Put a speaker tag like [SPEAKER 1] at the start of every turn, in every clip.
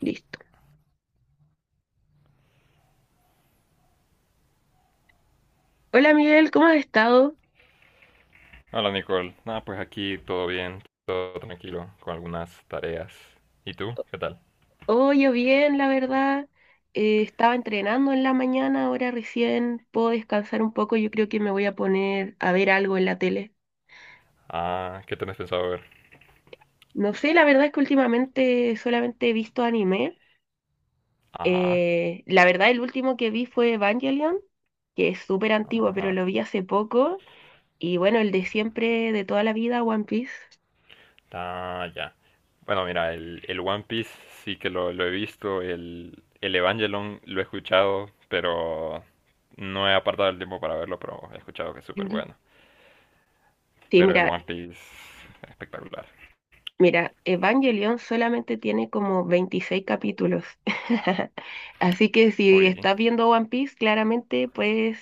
[SPEAKER 1] Listo. Hola Miguel, ¿cómo has estado?
[SPEAKER 2] Hola Nicole, nada, pues aquí todo bien, todo tranquilo, con algunas tareas. ¿Y tú? ¿Qué tal?
[SPEAKER 1] Oh, yo bien, la verdad. Estaba entrenando en la mañana, ahora recién puedo descansar un poco. Yo creo que me voy a poner a ver algo en la tele.
[SPEAKER 2] Ah, ¿qué tenés pensado ver?
[SPEAKER 1] No sé, la verdad es que últimamente solamente he visto anime.
[SPEAKER 2] Ajá,
[SPEAKER 1] La verdad, el último que vi fue Evangelion, que es súper antiguo, pero
[SPEAKER 2] ajá,
[SPEAKER 1] lo vi hace poco. Y bueno, el de siempre, de toda la vida, One Piece.
[SPEAKER 2] ah, ya. Bueno, mira, el One Piece sí que lo he visto, el Evangelion lo he escuchado, pero no he apartado el tiempo para verlo, pero he escuchado que es súper
[SPEAKER 1] Ujú.
[SPEAKER 2] bueno.
[SPEAKER 1] Sí,
[SPEAKER 2] Pero el
[SPEAKER 1] mira,
[SPEAKER 2] One Piece, espectacular.
[SPEAKER 1] Mira, Evangelion solamente tiene como 26 capítulos. Así que si
[SPEAKER 2] Oye,
[SPEAKER 1] estás viendo One Piece, claramente puedes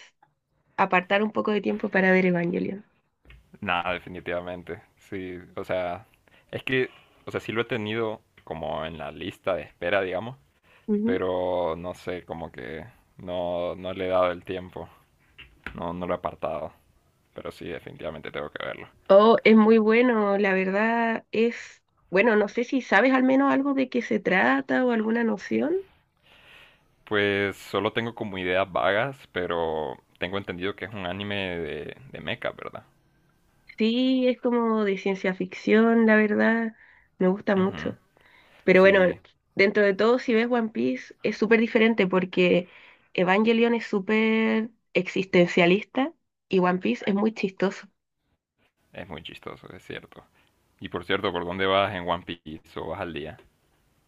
[SPEAKER 1] apartar un poco de tiempo para ver Evangelion.
[SPEAKER 2] no, definitivamente. Sí, o sea, es que, o sea, sí lo he tenido como en la lista de espera, digamos,
[SPEAKER 1] Ujú.
[SPEAKER 2] pero no sé, como que no le he dado el tiempo. No, no lo he apartado. Pero sí, definitivamente tengo que verlo.
[SPEAKER 1] Oh, es muy bueno, la verdad es, bueno, no sé si sabes al menos algo de qué se trata o alguna noción.
[SPEAKER 2] Pues solo tengo como ideas vagas, pero tengo entendido que es un anime de mecha, ¿verdad?
[SPEAKER 1] Sí, es como de ciencia ficción, la verdad, me gusta
[SPEAKER 2] Ujú.
[SPEAKER 1] mucho. Pero bueno,
[SPEAKER 2] Sí,
[SPEAKER 1] dentro de todo, si ves One Piece, es súper diferente porque Evangelion es súper existencialista y One Piece es muy chistoso.
[SPEAKER 2] es muy chistoso, es cierto. Y por cierto, ¿por dónde vas en One Piece o vas al día?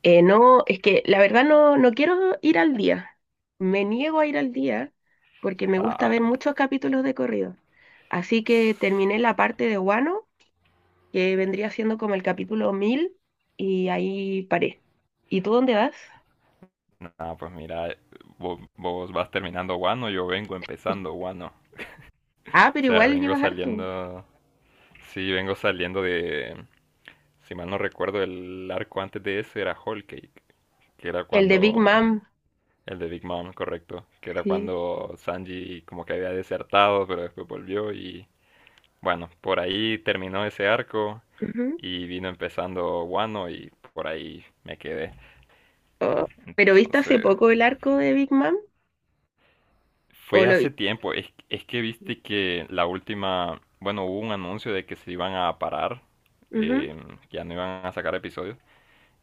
[SPEAKER 1] No, es que la verdad no, no quiero ir al día. Me niego a ir al día porque me gusta
[SPEAKER 2] Ah,
[SPEAKER 1] ver
[SPEAKER 2] bueno.
[SPEAKER 1] muchos capítulos de corrido. Así que terminé la parte de Wano, que vendría siendo como el capítulo 1000 y ahí paré. ¿Y tú dónde vas?
[SPEAKER 2] Nada, pues mira, vos vas terminando guano, yo vengo empezando guano.
[SPEAKER 1] Ah,
[SPEAKER 2] O
[SPEAKER 1] pero
[SPEAKER 2] sea,
[SPEAKER 1] igual
[SPEAKER 2] vengo
[SPEAKER 1] llevas harto.
[SPEAKER 2] saliendo. Sí, vengo saliendo de. Si mal no recuerdo, el arco antes de ese era Whole Cake, que era
[SPEAKER 1] El de Big
[SPEAKER 2] cuando.
[SPEAKER 1] Mom.
[SPEAKER 2] El de Big Mom, correcto. Que era
[SPEAKER 1] Sí.
[SPEAKER 2] cuando Sanji como que había desertado, pero después volvió y. Bueno, por ahí terminó ese arco y vino empezando Wano y por ahí me quedé.
[SPEAKER 1] Oh, ¿pero viste hace
[SPEAKER 2] Entonces,
[SPEAKER 1] poco el arco de Big Mom? ¿O
[SPEAKER 2] fue
[SPEAKER 1] lo vi?
[SPEAKER 2] hace tiempo. Es que viste que la última, bueno, hubo un anuncio de que se iban a parar,
[SPEAKER 1] Ujú.
[SPEAKER 2] eh, que ya no iban a sacar episodios,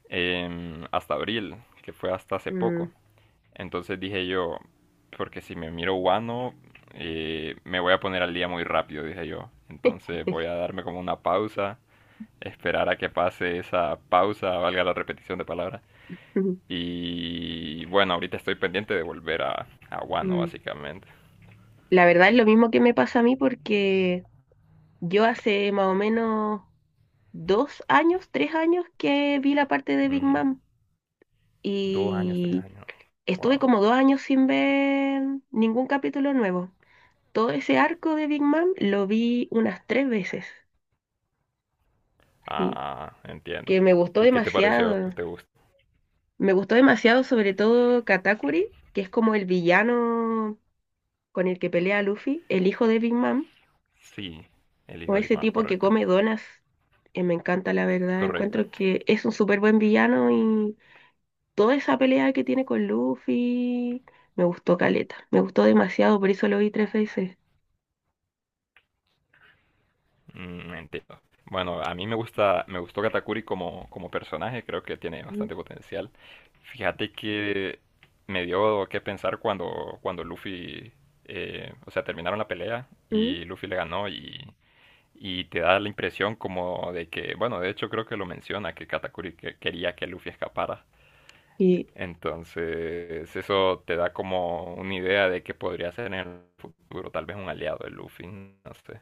[SPEAKER 2] hasta abril, que fue hasta hace poco.
[SPEAKER 1] Mm,
[SPEAKER 2] Entonces dije yo, porque si me miro Wano, me voy a poner al día muy rápido, dije yo. Entonces voy a darme como una pausa, esperar a que pase esa pausa, valga la repetición de palabras.
[SPEAKER 1] ujú,
[SPEAKER 2] Y bueno, ahorita estoy pendiente de volver a Wano,
[SPEAKER 1] mm.
[SPEAKER 2] básicamente.
[SPEAKER 1] La verdad es lo mismo que me pasa a mí porque yo hace más o menos 2 años, 3 años que vi la parte de Big
[SPEAKER 2] Mm,
[SPEAKER 1] Mom
[SPEAKER 2] dos años, tres
[SPEAKER 1] y
[SPEAKER 2] años.
[SPEAKER 1] estuve
[SPEAKER 2] Wow.
[SPEAKER 1] como 2 años sin ver ningún capítulo nuevo. Todo ese arco de Big Mom lo vi unas tres veces,
[SPEAKER 2] Ah,
[SPEAKER 1] sí,
[SPEAKER 2] ah, ah, entiendo.
[SPEAKER 1] que me gustó
[SPEAKER 2] ¿Y qué te pareció?
[SPEAKER 1] demasiado.
[SPEAKER 2] ¿Te gustó?
[SPEAKER 1] Me gustó demasiado sobre todo Katakuri, que es como el villano con el que pelea Luffy, el hijo de Big Mom,
[SPEAKER 2] Sí, el
[SPEAKER 1] o
[SPEAKER 2] hijo de Big
[SPEAKER 1] ese
[SPEAKER 2] Man,
[SPEAKER 1] tipo que
[SPEAKER 2] correcto.
[SPEAKER 1] come donas. Me encanta, la verdad.
[SPEAKER 2] Correcto.
[SPEAKER 1] Encuentro que es un súper buen villano y toda esa pelea que tiene con Luffy me gustó caleta. Me gustó demasiado, por eso lo vi tres veces.
[SPEAKER 2] Mm, entiendo. Bueno, a mí me gusta, me gustó Katakuri como, como personaje, creo que tiene
[SPEAKER 1] Mm,
[SPEAKER 2] bastante potencial. Fíjate que me dio que pensar cuando, cuando Luffy, o sea, terminaron la pelea
[SPEAKER 1] mm.
[SPEAKER 2] y Luffy le ganó y te da la impresión como de que, bueno, de hecho creo que lo menciona, que Katakuri quería que Luffy escapara.
[SPEAKER 1] Y
[SPEAKER 2] Entonces, eso te da como una idea de que podría ser en el futuro tal vez un aliado de Luffy, no sé.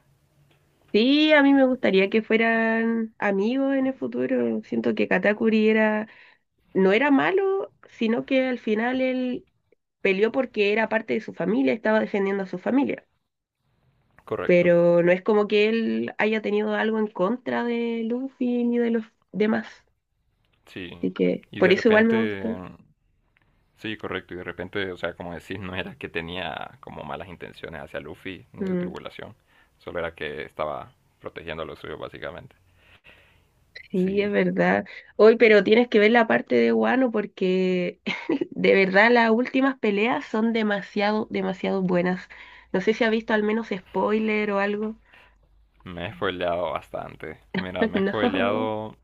[SPEAKER 1] sí, a mí me gustaría que fueran amigos en el futuro. Siento que Katakuri era, no era malo, sino que al final él peleó porque era parte de su familia, estaba defendiendo a su familia.
[SPEAKER 2] Correcto,
[SPEAKER 1] Pero no es como que él haya tenido algo en contra de Luffy ni de los demás.
[SPEAKER 2] sí.
[SPEAKER 1] Así que
[SPEAKER 2] Y
[SPEAKER 1] por
[SPEAKER 2] de
[SPEAKER 1] eso igual me
[SPEAKER 2] repente,
[SPEAKER 1] gustó.
[SPEAKER 2] sí, correcto, y de repente, o sea, como decís, no era que tenía como malas intenciones hacia Luffy ni su
[SPEAKER 1] Mm,
[SPEAKER 2] tripulación, solo era que estaba protegiendo a los suyos básicamente.
[SPEAKER 1] sí, es
[SPEAKER 2] Sí,
[SPEAKER 1] verdad. Hoy, pero tienes que ver la parte de Wano porque de verdad las últimas peleas son demasiado, demasiado buenas. No sé si ha visto al menos spoiler o algo.
[SPEAKER 2] me he spoileado bastante. Mira, me he
[SPEAKER 1] No.
[SPEAKER 2] spoileado...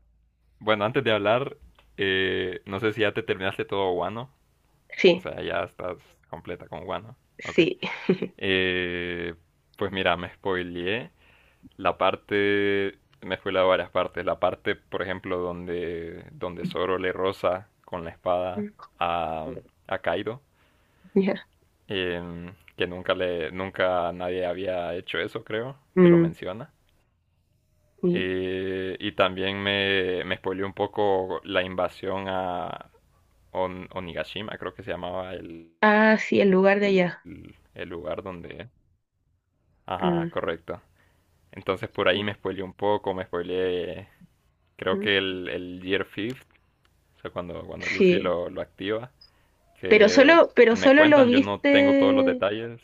[SPEAKER 2] Bueno, antes de hablar, no sé si ya te terminaste todo guano. O
[SPEAKER 1] Sí,
[SPEAKER 2] sea, ya estás completa con Wano. Ok.
[SPEAKER 1] sí.
[SPEAKER 2] Eh, pues mira, me spoileé la parte, me spoileé varias partes. La parte, por ejemplo, donde Zoro le roza con la espada
[SPEAKER 1] Mm,
[SPEAKER 2] a, a Kaido.
[SPEAKER 1] ya.
[SPEAKER 2] Que nunca le, nunca nadie había hecho eso, creo, que lo
[SPEAKER 1] Mm,
[SPEAKER 2] menciona.
[SPEAKER 1] sí.
[SPEAKER 2] Y también me spoileó un poco la invasión a Onigashima, creo que se llamaba
[SPEAKER 1] Ah, sí, el lugar de allá.
[SPEAKER 2] el lugar donde, ajá,
[SPEAKER 1] Mm,
[SPEAKER 2] correcto. Entonces por
[SPEAKER 1] sí.
[SPEAKER 2] ahí me spoileé un poco, me spoileé, creo
[SPEAKER 1] Mm,
[SPEAKER 2] que el Year Fifth, o sea, cuando, cuando Luffy
[SPEAKER 1] sí.
[SPEAKER 2] lo activa,
[SPEAKER 1] Pero
[SPEAKER 2] que
[SPEAKER 1] solo, pero
[SPEAKER 2] me
[SPEAKER 1] solo lo
[SPEAKER 2] cuentan, yo no tengo todos los
[SPEAKER 1] viste,
[SPEAKER 2] detalles.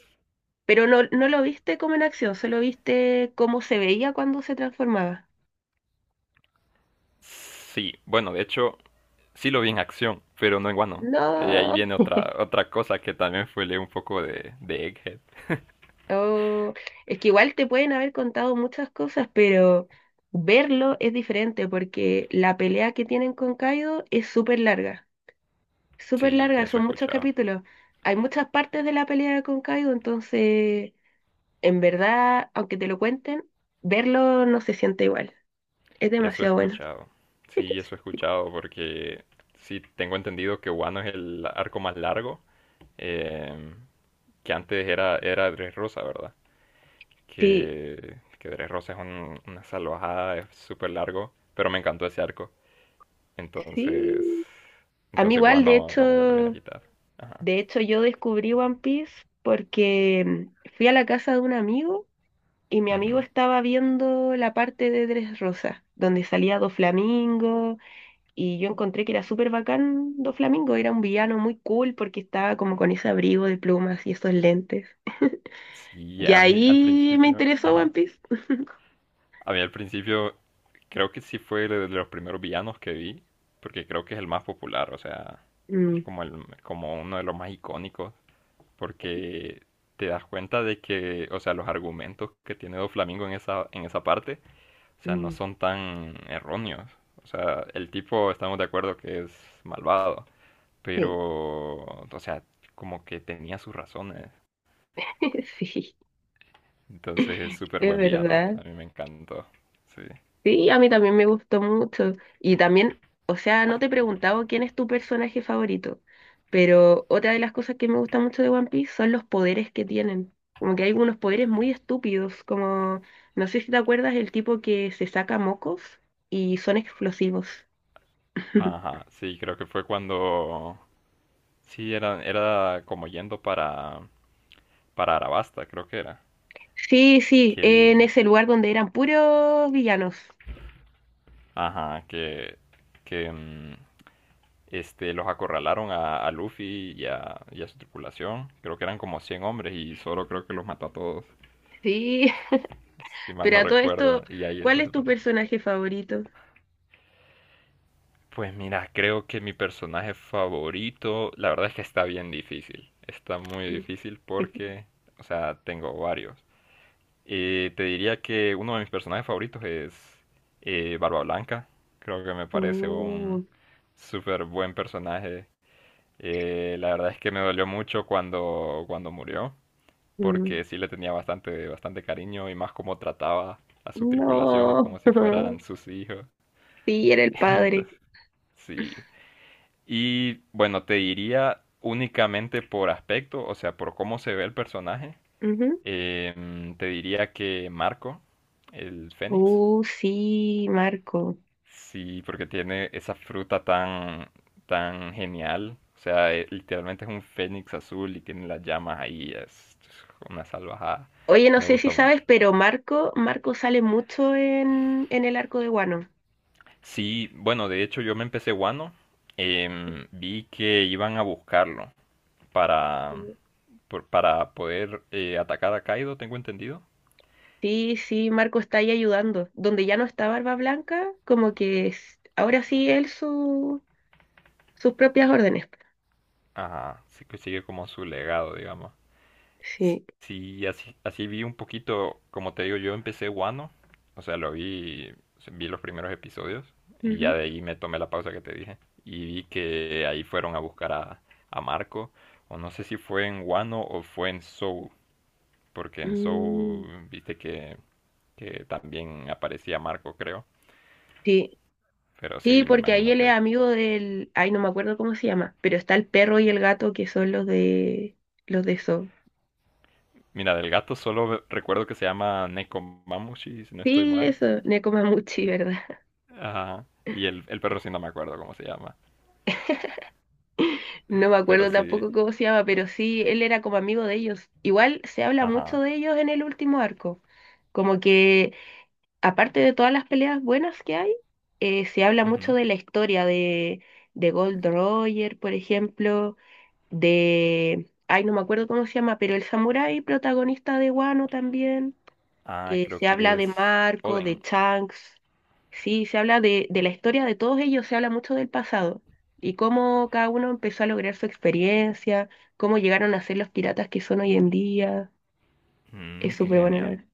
[SPEAKER 1] pero no, no lo viste como en acción, solo viste cómo se veía cuando se transformaba.
[SPEAKER 2] Sí, bueno, de hecho, sí lo vi en acción, pero no en Wano. Y ahí
[SPEAKER 1] No,
[SPEAKER 2] viene otra, otra cosa que también spoileé un poco de Egghead.
[SPEAKER 1] oh, es que igual te pueden haber contado muchas cosas, pero verlo es diferente porque la pelea que tienen con Kaido es súper
[SPEAKER 2] Sí,
[SPEAKER 1] larga,
[SPEAKER 2] eso he
[SPEAKER 1] son muchos
[SPEAKER 2] escuchado.
[SPEAKER 1] capítulos. Hay muchas partes de la pelea con Kaido, entonces, en verdad, aunque te lo cuenten, verlo no se siente igual. Es
[SPEAKER 2] Eso he
[SPEAKER 1] demasiado bueno.
[SPEAKER 2] escuchado. Sí, eso he escuchado porque sí tengo entendido que Wano es el arco más largo, eh, que antes era Dressrosa, ¿verdad?
[SPEAKER 1] Sí,
[SPEAKER 2] Que Dressrosa es una salvajada, es súper largo, pero me encantó ese arco. Entonces,
[SPEAKER 1] sí, a mí
[SPEAKER 2] entonces
[SPEAKER 1] igual,
[SPEAKER 2] Wano como que lo viene a quitar. Ajá.
[SPEAKER 1] de hecho yo descubrí One Piece porque fui a la casa de un amigo y mi
[SPEAKER 2] Ujú.
[SPEAKER 1] amigo estaba viendo la parte de Dressrosa, donde salía Doflamingo y yo encontré que era súper bacán Doflamingo, era un villano muy cool porque estaba como con ese abrigo de plumas y esos lentes.
[SPEAKER 2] Sí,
[SPEAKER 1] Y
[SPEAKER 2] a mí al
[SPEAKER 1] ahí me
[SPEAKER 2] principio,
[SPEAKER 1] interesó One
[SPEAKER 2] ajá.
[SPEAKER 1] Piece.
[SPEAKER 2] A mí al principio creo que sí fue de los primeros villanos que vi, porque creo que es el más popular, o sea, es
[SPEAKER 1] Mm,
[SPEAKER 2] como, el, como uno de los más icónicos, porque te das cuenta de que, o sea, los argumentos que tiene Doflamingo en esa parte, o sea, no
[SPEAKER 1] mm,
[SPEAKER 2] son tan erróneos. O sea, el tipo estamos de acuerdo que es malvado,
[SPEAKER 1] sí.
[SPEAKER 2] pero, o sea, como que tenía sus razones.
[SPEAKER 1] Sí,
[SPEAKER 2] Entonces es súper
[SPEAKER 1] es
[SPEAKER 2] buen villano,
[SPEAKER 1] verdad.
[SPEAKER 2] a mí me encantó, sí.
[SPEAKER 1] Sí, a mí también me gustó mucho. Y también, o sea, no te he preguntado quién es tu personaje favorito, pero otra de las cosas que me gusta mucho de One Piece son los poderes que tienen. Como que hay unos poderes muy estúpidos, como, no sé si te acuerdas, el tipo que se saca mocos y son explosivos.
[SPEAKER 2] Ajá, sí, creo que fue cuando... Sí, era, era como yendo para Arabasta, creo que era.
[SPEAKER 1] Sí, sí,
[SPEAKER 2] Que el,
[SPEAKER 1] en ese lugar donde eran puros villanos.
[SPEAKER 2] ajá, que, que este, los acorralaron a Luffy y a su tripulación. Creo que eran como 100 hombres y Zoro creo que los mató a todos,
[SPEAKER 1] Sí,
[SPEAKER 2] si mal
[SPEAKER 1] pero
[SPEAKER 2] no
[SPEAKER 1] a todo
[SPEAKER 2] recuerdo.
[SPEAKER 1] esto,
[SPEAKER 2] Y ahí es
[SPEAKER 1] ¿cuál es
[SPEAKER 2] donde
[SPEAKER 1] tu
[SPEAKER 2] aparece.
[SPEAKER 1] personaje favorito?
[SPEAKER 2] Pues mira, creo que mi personaje favorito, la verdad es que está bien difícil. Está muy difícil porque, o sea, tengo varios. Y te diría que uno de mis personajes favoritos es Barba Blanca. Creo que me parece un
[SPEAKER 1] Uh,
[SPEAKER 2] súper buen personaje. La verdad es que me dolió mucho cuando, cuando murió,
[SPEAKER 1] mm.
[SPEAKER 2] porque sí le tenía bastante, bastante cariño y más como trataba a su tripulación
[SPEAKER 1] No.
[SPEAKER 2] como si fueran sus hijos.
[SPEAKER 1] Sí, era el padre.
[SPEAKER 2] Entonces, sí. Y bueno, te diría únicamente por aspecto, o sea, por cómo se ve el personaje,
[SPEAKER 1] Ujú.
[SPEAKER 2] te diría que Marco, el Fénix.
[SPEAKER 1] Sí, Marco.
[SPEAKER 2] Sí, porque tiene esa fruta tan, tan genial. O sea, literalmente es un fénix azul y tiene las llamas ahí. Es una salvajada.
[SPEAKER 1] Oye, no
[SPEAKER 2] Me
[SPEAKER 1] sé si
[SPEAKER 2] gusta
[SPEAKER 1] sabes,
[SPEAKER 2] mucho.
[SPEAKER 1] pero Marco sale mucho en el arco de Guano.
[SPEAKER 2] Sí, bueno, de hecho yo me empecé Wano. Vi que iban a buscarlo para,
[SPEAKER 1] Sí,
[SPEAKER 2] para poder atacar a Kaido, tengo entendido.
[SPEAKER 1] sí, sí, Marco está ahí ayudando. Donde ya no está Barba Blanca, como que ahora sí él sus propias órdenes.
[SPEAKER 2] Ajá, sí que sigue como su legado, digamos.
[SPEAKER 1] Sí.
[SPEAKER 2] Sí, así, así vi un poquito, como te digo, yo empecé Wano, o sea, lo vi, vi los primeros episodios y
[SPEAKER 1] Ujú.
[SPEAKER 2] ya de ahí me tomé la pausa que te dije y vi que ahí fueron a buscar a Marco, o no sé si fue en Wano o fue en Soul, porque en
[SPEAKER 1] Mm,
[SPEAKER 2] Soul viste que también aparecía Marco, creo,
[SPEAKER 1] sí.
[SPEAKER 2] pero
[SPEAKER 1] Sí,
[SPEAKER 2] sí, me
[SPEAKER 1] porque ahí
[SPEAKER 2] imagino
[SPEAKER 1] él es
[SPEAKER 2] que...
[SPEAKER 1] amigo del, ay, no me acuerdo cómo se llama, pero está el perro y el gato que son los de eso.
[SPEAKER 2] Mira, del gato solo recuerdo que se llama Nekomamushi, si no estoy
[SPEAKER 1] Sí,
[SPEAKER 2] mal.
[SPEAKER 1] eso, Nekomamuchi, ¿verdad?
[SPEAKER 2] Ajá. Y el perro sí no me acuerdo cómo se llama.
[SPEAKER 1] No me
[SPEAKER 2] Pero
[SPEAKER 1] acuerdo
[SPEAKER 2] sí,
[SPEAKER 1] tampoco cómo se llama, pero sí, él era como amigo de ellos. Igual se habla mucho
[SPEAKER 2] ajá.
[SPEAKER 1] de ellos en el último arco. Como que, aparte de todas las peleas buenas que hay, se habla
[SPEAKER 2] Ujú.
[SPEAKER 1] mucho de la historia de Gold Roger, por ejemplo, de... Ay, no me acuerdo cómo se llama, pero el samurái protagonista de Wano también.
[SPEAKER 2] Ah,
[SPEAKER 1] eh,
[SPEAKER 2] creo
[SPEAKER 1] se habla
[SPEAKER 2] que
[SPEAKER 1] de
[SPEAKER 2] es
[SPEAKER 1] Marco,
[SPEAKER 2] Oden.
[SPEAKER 1] de Chunks, sí, se habla de la historia de todos ellos, se habla mucho del pasado y cómo cada uno empezó a lograr su experiencia, cómo llegaron a ser los piratas que son hoy en día. Es
[SPEAKER 2] Mm, qué
[SPEAKER 1] súper bueno, la
[SPEAKER 2] genial.
[SPEAKER 1] verdad.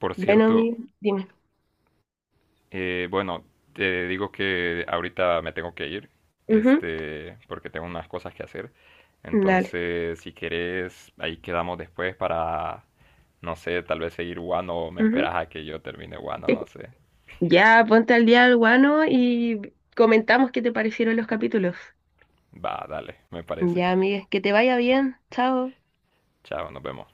[SPEAKER 2] Por
[SPEAKER 1] Bueno,
[SPEAKER 2] cierto,
[SPEAKER 1] dime.
[SPEAKER 2] bueno, te digo que ahorita me tengo que ir,
[SPEAKER 1] Ujú,
[SPEAKER 2] este, porque tengo unas cosas que hacer.
[SPEAKER 1] dale.
[SPEAKER 2] Entonces, si querés, ahí quedamos después para, no sé, tal vez seguir Wano o me
[SPEAKER 1] Ujú.
[SPEAKER 2] esperas a que yo termine Wano, no sé.
[SPEAKER 1] Ya, ponte al día al guano y comentamos qué te parecieron los capítulos.
[SPEAKER 2] Va, dale, me parece.
[SPEAKER 1] Ya, amigues, que te vaya bien. Chao.
[SPEAKER 2] Chao, nos vemos.